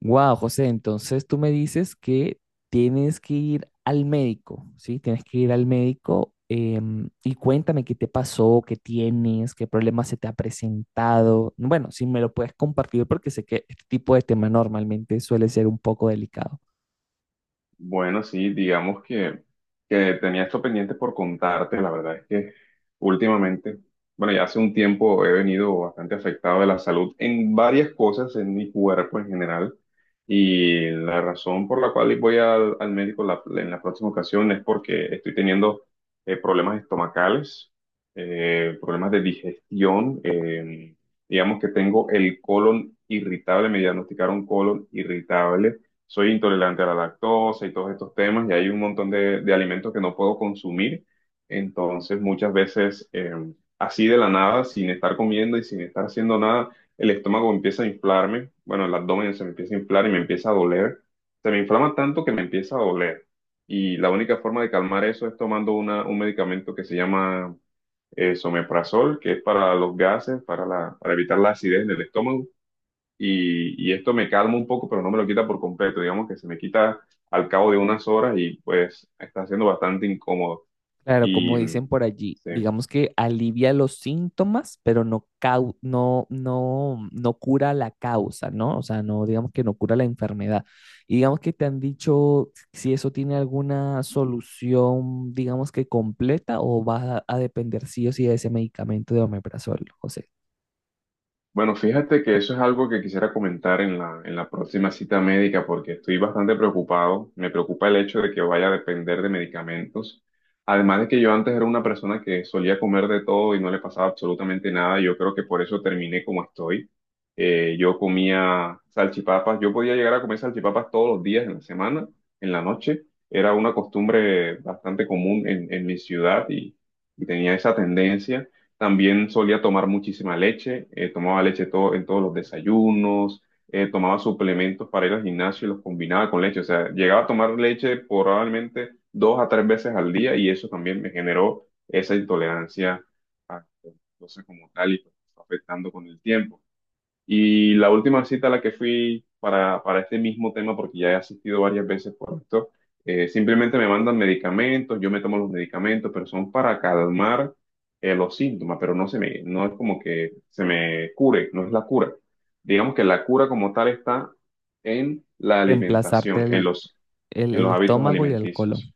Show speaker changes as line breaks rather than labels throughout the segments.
Wow, José, entonces tú me dices que tienes que ir al médico, ¿sí? Tienes que ir al médico, y cuéntame qué te pasó, qué tienes, qué problema se te ha presentado. Bueno, si me lo puedes compartir porque sé que este tipo de tema normalmente suele ser un poco delicado.
Bueno, sí, digamos que tenía esto pendiente por contarte. La verdad es que últimamente, bueno, ya hace un tiempo he venido bastante afectado de la salud en varias cosas, en mi cuerpo en general. Y la razón por la cual voy al médico en la próxima ocasión es porque estoy teniendo problemas estomacales, problemas de digestión. Digamos que tengo el colon irritable, me diagnosticaron colon irritable, soy intolerante a la lactosa y todos estos temas, y hay un montón de alimentos que no puedo consumir. Entonces, muchas veces, así de la nada, sin estar comiendo y sin estar haciendo nada, el estómago empieza a inflarme, bueno, el abdomen se me empieza a inflar y me empieza a doler. Se me inflama tanto que me empieza a doler. Y la única forma de calmar eso es tomando un medicamento que se llama someprazol, que es para los gases, para evitar la acidez en el estómago y esto me calma un poco, pero no me lo quita por completo. Digamos que se me quita al cabo de unas horas y pues está siendo bastante incómodo.
Claro, como
Y mm,
dicen por allí,
sí.
digamos que alivia los síntomas, pero no, no, no cura la causa, ¿no? O sea, no, digamos que no cura la enfermedad. Y digamos que te han dicho si eso tiene alguna solución, digamos que completa, o va a depender sí o sí de ese medicamento de omeprazol, José.
Bueno, fíjate que eso es algo que quisiera comentar en en la próxima cita médica porque estoy bastante preocupado. Me preocupa el hecho de que vaya a depender de medicamentos. Además de que yo antes era una persona que solía comer de todo y no le pasaba absolutamente nada. Yo creo que por eso terminé como estoy. Yo comía salchipapas. Yo podía llegar a comer salchipapas todos los días en la semana, en la noche. Era una costumbre bastante común en mi ciudad y tenía esa tendencia. También solía tomar muchísima leche, tomaba leche todo, en todos los desayunos, tomaba suplementos para ir al gimnasio y los combinaba con leche. O sea, llegaba a tomar leche probablemente dos a tres veces al día y eso también me generó esa intolerancia a la lactosa como tal y pues, fue afectando con el tiempo. Y la última cita a la que fui para este mismo tema, porque ya he asistido varias veces por esto, simplemente me mandan medicamentos, yo me tomo los medicamentos, pero son para calmar los síntomas, pero no es como que se me cure, no es la cura. Digamos que la cura como tal está en la
Reemplazarte
alimentación, en
el
los hábitos
estómago y el colon.
alimenticios.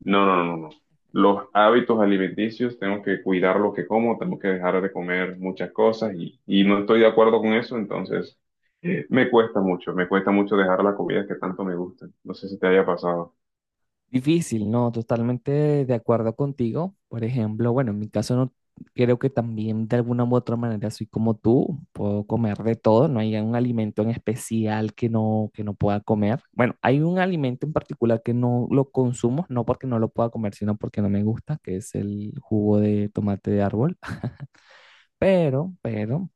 No, no, no, no. Los hábitos alimenticios, tengo que cuidar lo que como, tengo que dejar de comer muchas cosas y no estoy de acuerdo con eso, entonces me cuesta mucho dejar la comida que tanto me gusta. No sé si te haya pasado.
Difícil, no, totalmente de acuerdo contigo. Por ejemplo, bueno, en mi caso no creo que también de alguna u otra manera soy como tú, puedo comer de todo, no hay un alimento en especial que no pueda comer. Bueno, hay un alimento en particular que no lo consumo, no porque no lo pueda comer, sino porque no me gusta, que es el jugo de tomate de árbol. Pero,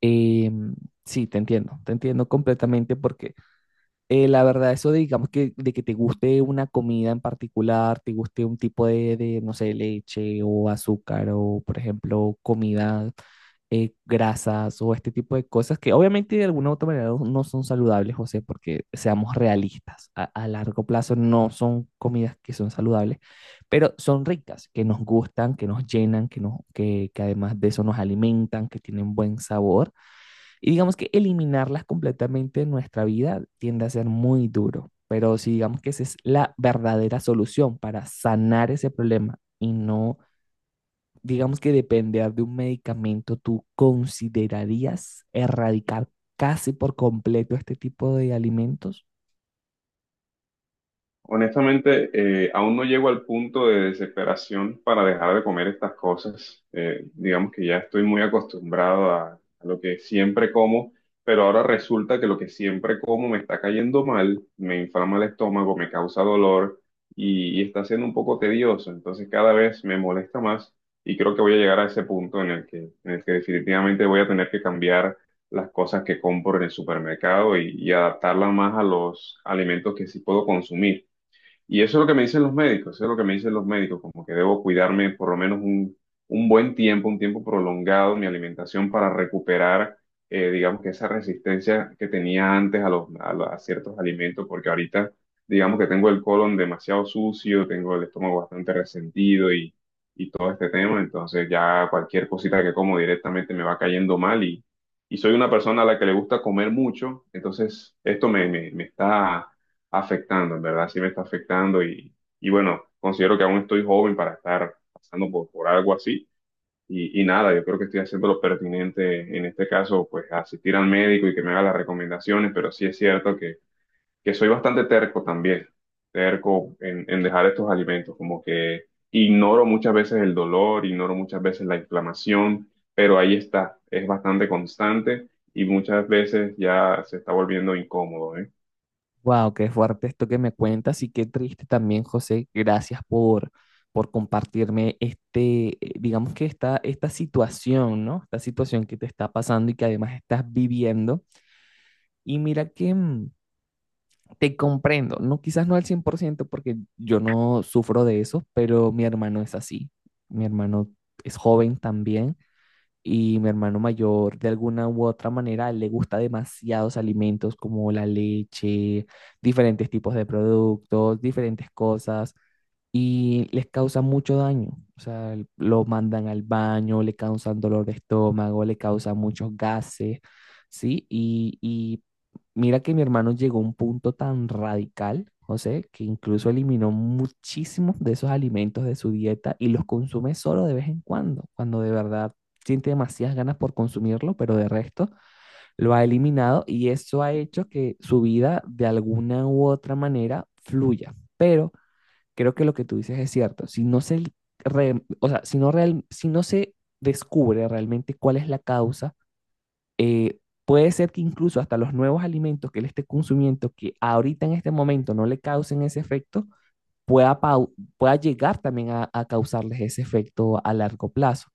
em, sí, te entiendo completamente porque la verdad, eso de, digamos que de que te guste una comida en particular, te guste un tipo de, no sé, leche o azúcar o, por ejemplo, comida, grasas o este tipo de cosas que obviamente de alguna u otra manera no son saludables, José, porque seamos realistas, a largo plazo no son comidas que son saludables, pero son ricas, que nos gustan, que nos llenan, que además de eso nos alimentan, que tienen buen sabor. Y digamos que eliminarlas completamente de nuestra vida tiende a ser muy duro, pero si digamos que esa es la verdadera solución para sanar ese problema y no, digamos que depender de un medicamento, ¿tú considerarías erradicar casi por completo este tipo de alimentos?
Honestamente, aún no llego al punto de desesperación para dejar de comer estas cosas. Digamos que ya estoy muy acostumbrado a lo que siempre como, pero ahora resulta que lo que siempre como me está cayendo mal, me inflama el estómago, me causa dolor y está siendo un poco tedioso. Entonces cada vez me molesta más y creo que voy a llegar a ese punto en el que definitivamente voy a tener que cambiar las cosas que compro en el supermercado y adaptarlas más a los alimentos que sí puedo consumir. Y eso es lo que me dicen los médicos, eso es lo que me dicen los médicos, como que debo cuidarme por lo menos un buen tiempo, un tiempo prolongado, mi alimentación para recuperar, digamos que esa resistencia que tenía antes a ciertos alimentos, porque ahorita, digamos que tengo el colon demasiado sucio, tengo el estómago bastante resentido y todo este tema, entonces ya cualquier cosita que como directamente me va cayendo mal y soy una persona a la que le gusta comer mucho, entonces esto me está afectando, en verdad sí me está afectando y bueno, considero que aún estoy joven para estar pasando por algo así y nada, yo creo que estoy haciendo lo pertinente en este caso, pues asistir al médico y que me haga las recomendaciones, pero sí es cierto que soy bastante terco también, terco en dejar estos alimentos, como que ignoro muchas veces el dolor, ignoro muchas veces la inflamación, pero ahí está, es bastante constante. Y muchas veces ya se está volviendo incómodo, ¿eh?
Wow, qué fuerte esto que me cuentas y qué triste también, José. Gracias por compartirme este, digamos que esta situación, ¿no? Esta situación que te está pasando y que además estás viviendo. Y mira que mm, te comprendo, no, quizás no al 100% porque yo no sufro de eso, pero mi hermano es así. Mi hermano es joven también y mi hermano mayor de alguna u otra manera le gusta demasiados alimentos como la leche, diferentes tipos de productos, diferentes cosas y les causa mucho daño. O sea, lo mandan al baño, le causan dolor de estómago, le causan muchos gases, ¿sí? Y mira que mi hermano llegó a un punto tan radical, José, que incluso eliminó muchísimos de esos alimentos de su dieta y los consume solo de vez en cuando, cuando de verdad siente demasiadas ganas por consumirlo, pero de resto lo ha eliminado y eso ha hecho que su vida de alguna u otra manera fluya. Pero creo que lo que tú dices es cierto. Si no se, o sea, si no, si no se descubre realmente cuál es la causa, eh, puede ser que incluso hasta los nuevos alimentos que él esté consumiendo, que ahorita en este momento no le causen ese efecto, pueda llegar también a causarles ese efecto a largo plazo.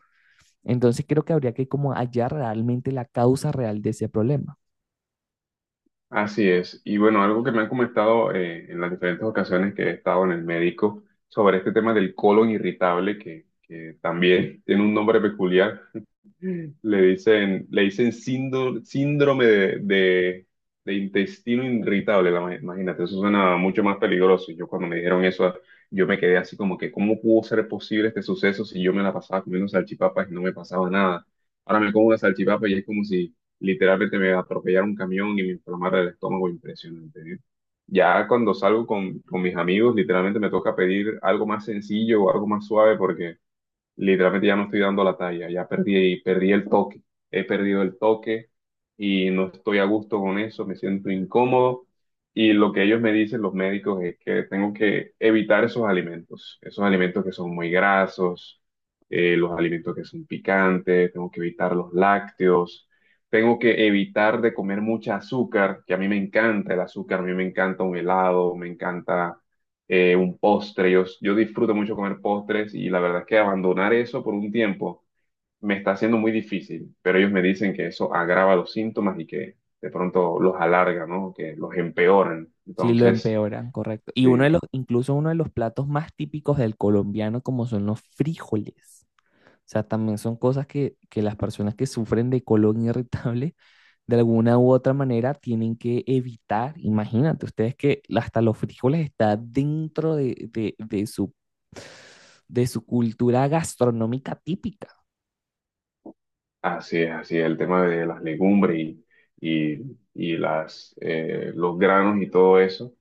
Entonces creo que habría que como hallar realmente la causa real de ese problema.
Así es. Y bueno, algo que me han comentado en las diferentes ocasiones que he estado en el médico sobre este tema del colon irritable, que también tiene un nombre peculiar. Le dicen síndrome de intestino irritable, imagínate, eso suena mucho más peligroso. Yo cuando me dijeron eso, yo me quedé así como que, ¿cómo pudo ser posible este suceso si yo me la pasaba comiendo salchipapas y no me pasaba nada? Ahora me como una salchipapa y es como si literalmente me atropellara un camión y me inflamara el estómago, impresionante, ¿eh? Ya cuando salgo con mis amigos, literalmente me toca pedir algo más sencillo o algo más suave porque literalmente ya no estoy dando la talla, ya perdí el toque, he perdido el toque y no estoy a gusto con eso, me siento incómodo y lo que ellos me dicen, los médicos, es que tengo que evitar esos alimentos que son muy grasos, los alimentos que son picantes, tengo que evitar los lácteos. Tengo que evitar de comer mucha azúcar, que a mí me encanta el azúcar, a mí me encanta un helado, me encanta un postre. Yo disfruto mucho comer postres y la verdad es que abandonar eso por un tiempo me está haciendo muy difícil, pero ellos me dicen que eso agrava los síntomas y que de pronto los alarga, ¿no? Que los empeoran.
Si lo
Entonces,
empeoran, correcto. Y uno de
sí.
los, incluso uno de los platos más típicos del colombiano, como son los frijoles. O sea, también son cosas que las personas que sufren de colon irritable de alguna u otra manera tienen que evitar. Imagínate ustedes que hasta los frijoles está dentro de su cultura gastronómica típica.
Así es, el tema de las legumbres y, y los granos y todo eso.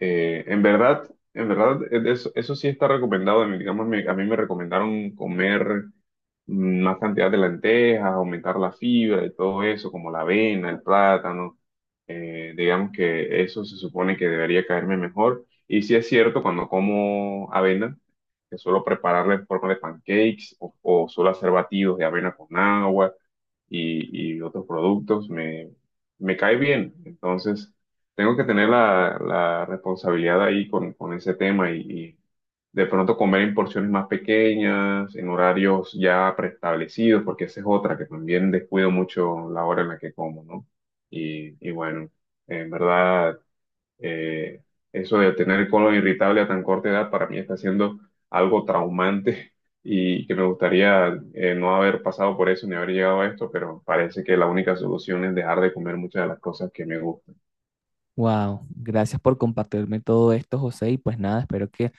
En verdad, en verdad, eso, eso sí está recomendado. Digamos, a mí me recomendaron comer más cantidad de lentejas, aumentar la fibra y todo eso, como la avena, el plátano. Digamos que eso se supone que debería caerme mejor. Y sí es cierto, cuando como avena, que suelo prepararla en forma de pancakes o suelo hacer batidos de avena con agua y otros productos, me cae bien. Entonces, tengo que tener la responsabilidad ahí con ese tema y de pronto comer en porciones más pequeñas, en horarios ya preestablecidos, porque esa es otra que también descuido mucho la hora en la que como, ¿no? Y bueno, en verdad eh, eso de tener el colon irritable a tan corta edad para mí está siendo algo traumante y que me gustaría no haber pasado por eso ni haber llegado a esto, pero parece que la única solución es dejar de comer muchas de las cosas que me gustan.
Wow, gracias por compartirme todo esto, José. Y pues nada, espero que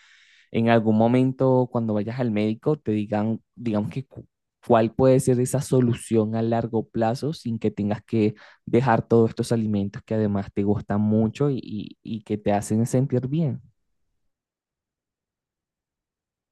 en algún momento cuando vayas al médico te digan, digamos que cuál puede ser esa solución a largo plazo sin que tengas que dejar todos estos alimentos que además te gustan mucho y que te hacen sentir bien.